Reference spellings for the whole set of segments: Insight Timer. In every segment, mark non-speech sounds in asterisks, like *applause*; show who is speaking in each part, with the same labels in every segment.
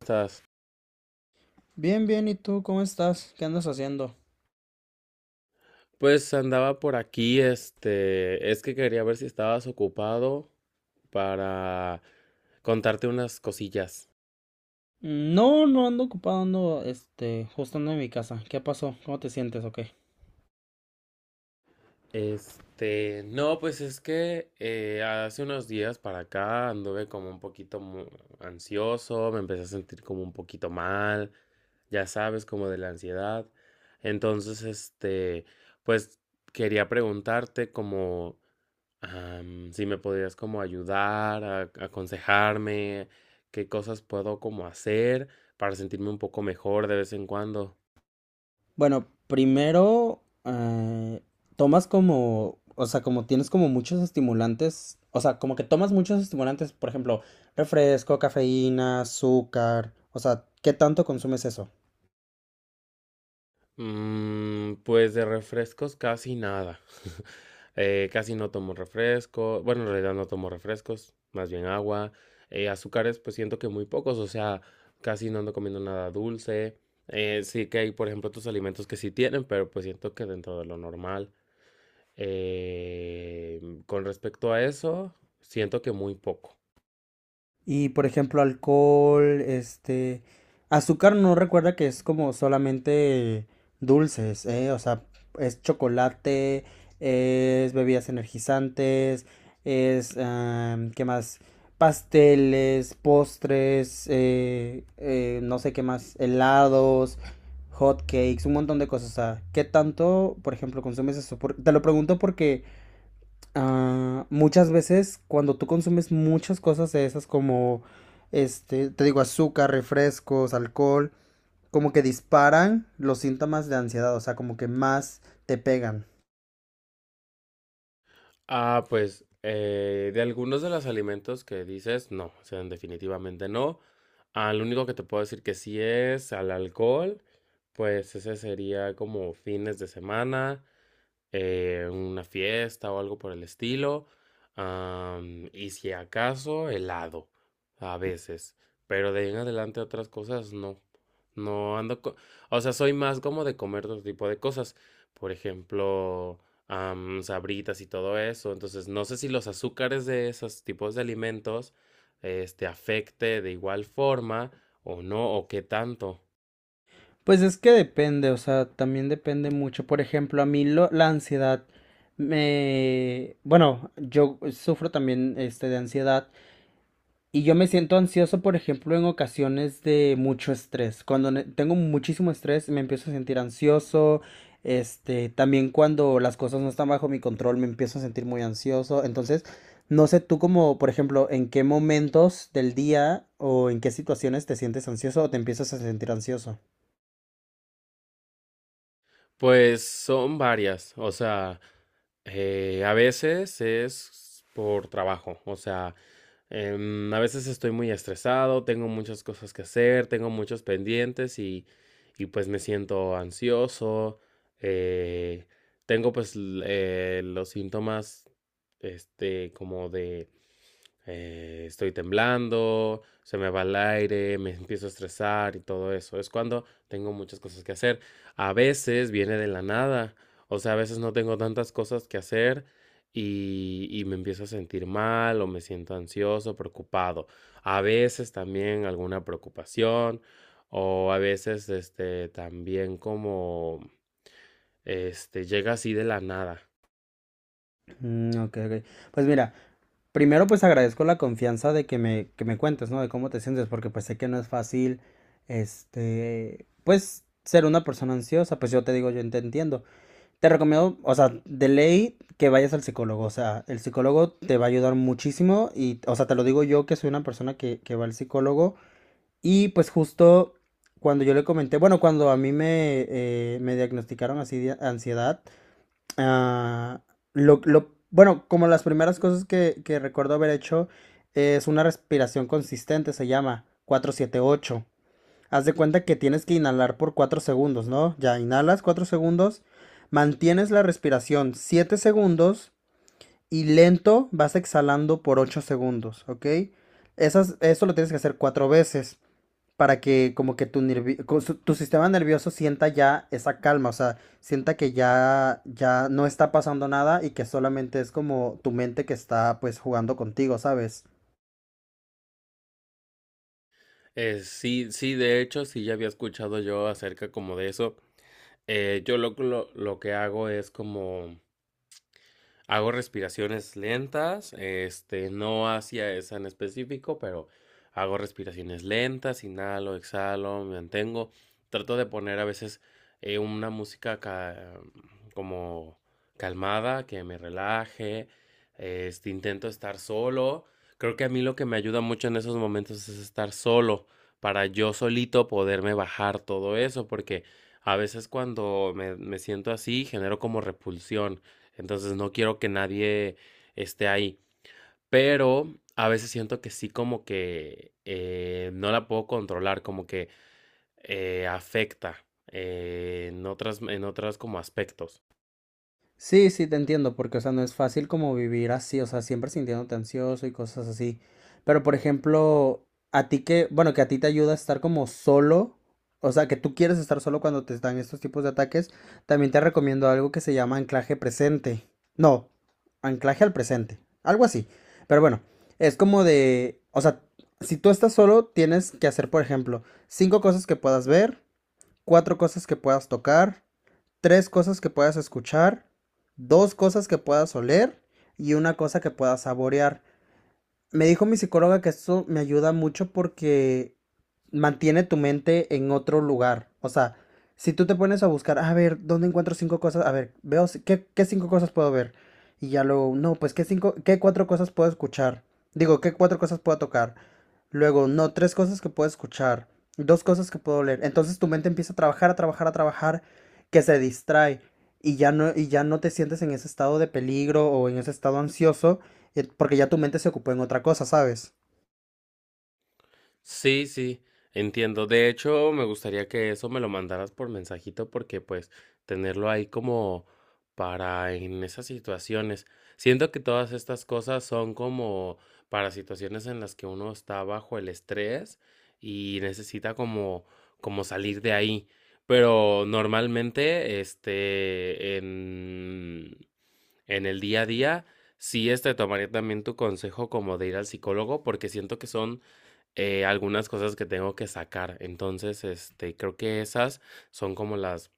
Speaker 1: ¿Estás?
Speaker 2: Bien, bien, ¿y tú cómo estás? ¿Qué andas haciendo?
Speaker 1: Pues andaba por aquí, es que quería ver si estabas ocupado para contarte unas cosillas.
Speaker 2: No, no ando ocupado, ando, justo ando en mi casa. ¿Qué pasó? ¿Cómo te sientes o qué?
Speaker 1: No, pues es que hace unos días para acá anduve como un poquito ansioso, me empecé a sentir como un poquito mal, ya sabes, como de la ansiedad. Entonces, pues quería preguntarte como si me podrías como ayudar, a, aconsejarme, qué cosas puedo como hacer para sentirme un poco mejor de vez en cuando.
Speaker 2: Bueno, primero, tomas como, o sea, como tienes como muchos estimulantes, o sea, como que tomas muchos estimulantes, por ejemplo, refresco, cafeína, azúcar, o sea, ¿qué tanto consumes eso?
Speaker 1: Mm, pues de refrescos casi nada. *laughs* Casi no tomo refresco. Bueno, en realidad no tomo refrescos, más bien agua. Azúcares, pues siento que muy pocos, o sea, casi no ando comiendo nada dulce. Sí que hay, por ejemplo, otros alimentos que sí tienen, pero pues siento que dentro de lo normal. Eh, con respecto a eso, siento que muy poco.
Speaker 2: Y por ejemplo, alcohol, azúcar no recuerda que es como solamente dulces, ¿eh? O sea, es chocolate, es bebidas energizantes, es, ¿qué más? Pasteles, postres, no sé qué más, helados, hot cakes, un montón de cosas. O sea, ¿qué tanto, por ejemplo, consumes eso? Te lo pregunto porque ah, muchas veces cuando tú consumes muchas cosas de esas como, te digo, azúcar, refrescos, alcohol, como que disparan los síntomas de ansiedad, o sea, como que más te pegan.
Speaker 1: Ah, pues de algunos de los alimentos que dices, no, o sea, definitivamente no. Ah, lo único que te puedo decir que sí es al alcohol, pues ese sería como fines de semana. Una fiesta o algo por el estilo. Y si acaso, helado, a veces. Pero de ahí en adelante otras cosas no. No ando co- O sea, soy más como de comer otro tipo de cosas. Por ejemplo, sabritas y todo eso. Entonces, no sé si los azúcares de esos tipos de alimentos, afecte de igual forma o no, o qué tanto.
Speaker 2: Pues es que depende, o sea, también depende mucho. Por ejemplo, la ansiedad me... Bueno, yo sufro también de ansiedad. Y yo me siento ansioso, por ejemplo, en ocasiones de mucho estrés. Tengo muchísimo estrés, me empiezo a sentir ansioso. Este, también cuando las cosas no están bajo mi control, me empiezo a sentir muy ansioso. Entonces, no sé tú como, por ejemplo, en qué momentos del día o en qué situaciones te sientes ansioso o te empiezas a sentir ansioso.
Speaker 1: Pues son varias, o sea, a veces es por trabajo, o sea, a veces estoy muy estresado, tengo muchas cosas que hacer, tengo muchos pendientes y pues me siento ansioso, eh, tengo pues los síntomas, como de estoy temblando, se me va el aire, me empiezo a estresar y todo eso. Es cuando tengo muchas cosas que hacer. A veces viene de la nada, o sea, a veces no tengo tantas cosas que hacer y me empiezo a sentir mal o me siento ansioso, preocupado. A veces también alguna preocupación o a veces este también como este llega así de la nada.
Speaker 2: Ok, ok. Pues mira. Primero, pues agradezco la confianza de que me cuentes, ¿no? De cómo te sientes, porque pues sé que no es fácil, pues ser una persona ansiosa, pues yo te digo, yo te entiendo. Te recomiendo, o sea, de ley que vayas al psicólogo, o sea, el psicólogo te va a ayudar muchísimo y, o sea, te lo digo yo que soy una persona que va al psicólogo. Y pues justo cuando yo le comenté, bueno, cuando a mí me, me diagnosticaron así de ansiedad, ah, bueno, como las primeras cosas que recuerdo haber hecho es una respiración consistente, se llama 4-7-8. Haz de cuenta que tienes que inhalar por 4 segundos, ¿no? Ya inhalas 4 segundos, mantienes la respiración 7 segundos y lento vas exhalando por 8 segundos, ¿ok? Eso lo tienes que hacer 4 veces para que como que tu sistema nervioso sienta ya esa calma, o sea, sienta que ya no está pasando nada y que solamente es como tu mente que está pues jugando contigo, ¿sabes?
Speaker 1: Sí, sí, de hecho, sí ya había escuchado yo acerca como de eso. Yo lo que hago es como: hago respiraciones lentas, no hacia esa en específico, pero hago respiraciones lentas, inhalo, exhalo, me mantengo. Trato de poner a veces una música ca- como calmada, que me relaje. Intento estar solo. Creo que a mí lo que me ayuda mucho en esos momentos es estar solo, para yo solito poderme bajar todo eso, porque a veces cuando me siento así, genero como repulsión. Entonces no quiero que nadie esté ahí. Pero a veces siento que sí como que no la puedo controlar, como que afecta en en otras como aspectos.
Speaker 2: Sí, sí, te entiendo, porque, o sea, no es fácil como vivir así, o sea, siempre sintiéndote ansioso y cosas así. Pero, por ejemplo, a ti que, bueno, que a ti te ayuda a estar como solo, o sea, que tú quieres estar solo cuando te están estos tipos de ataques, también te recomiendo algo que se llama anclaje presente. No, anclaje al presente, algo así. Pero bueno, es como de, o sea, si tú estás solo, tienes que hacer, por ejemplo, cinco cosas que puedas ver, cuatro cosas que puedas tocar, tres cosas que puedas escuchar, dos cosas que puedas oler y una cosa que puedas saborear. Me dijo mi psicóloga que eso me ayuda mucho porque mantiene tu mente en otro lugar. O sea, si tú te pones a buscar, a ver, ¿dónde encuentro cinco cosas? A ver, veo, si- ¿qué, qué cinco cosas puedo ver? Y ya luego, no, pues, ¿qué cinco, qué cuatro cosas puedo escuchar? Digo, ¿qué cuatro cosas puedo tocar? Luego, no, tres cosas que puedo escuchar, dos cosas que puedo leer. Entonces tu mente empieza a trabajar, que se distrae y y ya no te sientes en ese estado de peligro o en ese estado ansioso. Porque ya tu mente se ocupó en otra cosa, ¿sabes?
Speaker 1: Sí, sí, entiendo. De hecho, me gustaría que eso me lo mandaras por mensajito porque pues tenerlo ahí como para en esas situaciones. Siento que todas estas cosas son como para situaciones en las que uno está bajo el estrés y necesita como salir de ahí. Pero normalmente, en el día a día, sí, tomaría también tu consejo como de ir al psicólogo porque siento que son algunas cosas que tengo que sacar. Entonces, creo que esas son como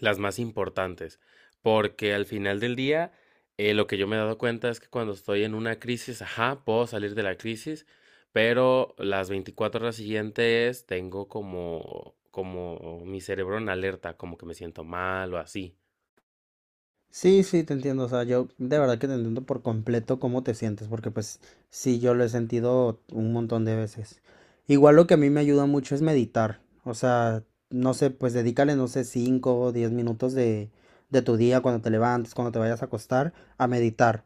Speaker 1: las más importantes. Porque al final del día, lo que yo me he dado cuenta es que cuando estoy en una crisis, ajá, puedo salir de la crisis, pero las 24 horas siguientes tengo como, como mi cerebro en alerta, como que me siento mal o así.
Speaker 2: Sí, sí, te entiendo. O sea, yo de verdad que te entiendo por completo cómo te sientes, porque pues sí, yo lo he sentido un montón de veces. Igual lo que a mí me ayuda mucho es meditar. O sea, no sé, pues dedícale, no sé, 5 o 10 minutos de tu día cuando te levantes, cuando te vayas a acostar, a meditar.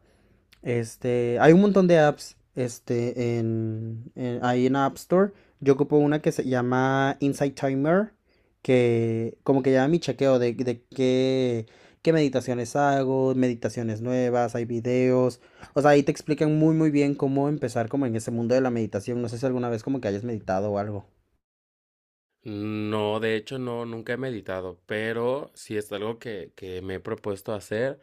Speaker 2: Este, hay un montón de apps, ahí en la App Store. Yo ocupo una que se llama Insight Timer, que como que lleva mi chequeo qué meditaciones hago, meditaciones nuevas, hay videos. O sea, ahí te explican muy, muy bien cómo empezar como en ese mundo de la meditación. No sé si alguna vez como que hayas meditado o algo.
Speaker 1: No, de hecho, no, nunca he meditado, pero sí es algo que me he propuesto hacer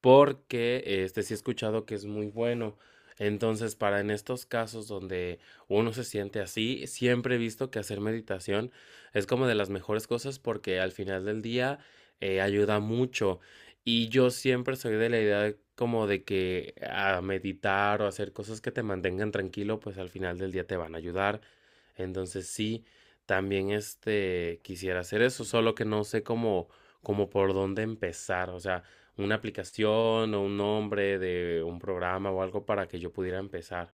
Speaker 1: porque sí he escuchado que es muy bueno. Entonces, para en estos casos donde uno se siente así, siempre he visto que hacer meditación es como de las mejores cosas porque al final del día ayuda mucho. Y yo siempre soy de la idea como de que a meditar o hacer cosas que te mantengan tranquilo, pues al final del día te van a ayudar. Entonces, sí, también quisiera hacer eso, solo que no sé cómo por dónde empezar. O sea, una aplicación o un nombre de un programa o algo para que yo pudiera empezar.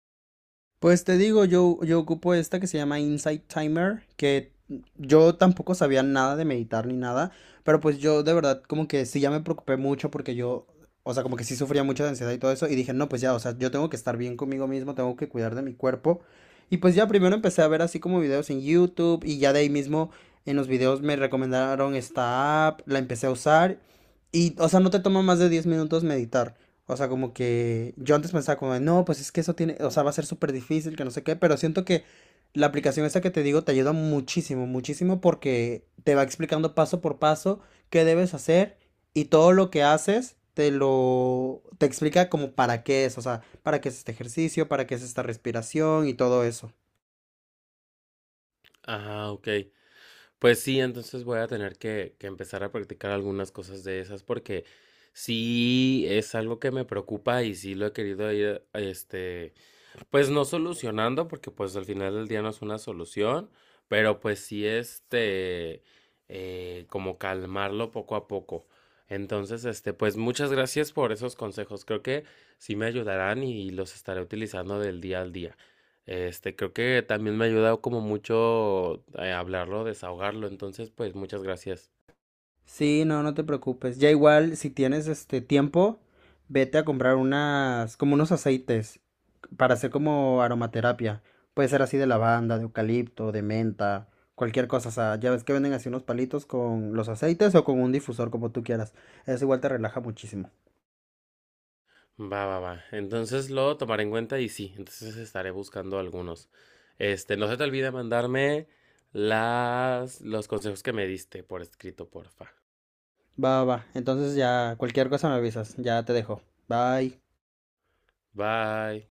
Speaker 2: Pues te digo, yo ocupo esta que se llama Insight Timer, que yo tampoco sabía nada de meditar ni nada, pero pues yo de verdad como que sí ya me preocupé mucho o sea, como que sí sufría mucho de ansiedad y todo eso, y dije, no, pues ya, o sea, yo tengo que estar bien conmigo mismo, tengo que cuidar de mi cuerpo. Y pues ya primero empecé a ver así como videos en YouTube y ya de ahí mismo en los videos me recomendaron esta app, la empecé a usar y, o sea, no te toma más de 10 minutos meditar. O sea, como que yo antes pensaba no, pues es que eso tiene, o sea, va a ser súper difícil, que no sé qué, pero siento que la aplicación esta que te digo te ayuda muchísimo, muchísimo porque te va explicando paso por paso qué debes hacer y todo lo que haces te explica como para qué es, o sea, para qué es este ejercicio, para qué es esta respiración y todo eso.
Speaker 1: Ah, ok. Pues sí, entonces voy a tener que empezar a practicar algunas cosas de esas porque sí es algo que me preocupa y sí lo he querido ir, pues no solucionando, porque pues al final del día no es una solución, pero pues sí como calmarlo poco a poco. Entonces, pues muchas gracias por esos consejos. Creo que sí me ayudarán y los estaré utilizando del día al día. Creo que también me ha ayudado como mucho hablarlo, desahogarlo. Entonces, pues muchas gracias.
Speaker 2: Sí, no, no te preocupes. Ya igual, si tienes este tiempo, vete a comprar como unos aceites para hacer como aromaterapia. Puede ser así de lavanda, de eucalipto, de menta, cualquier cosa. O sea, ya ves que venden así unos palitos con los aceites o con un difusor, como tú quieras. Eso igual te relaja muchísimo.
Speaker 1: Va, va, va. Entonces lo tomaré en cuenta y sí, entonces estaré buscando algunos. No se te olvide mandarme los consejos que me diste por escrito, porfa.
Speaker 2: Va, va, va. Entonces ya, cualquier cosa me avisas. Ya te dejo. Bye.
Speaker 1: Bye.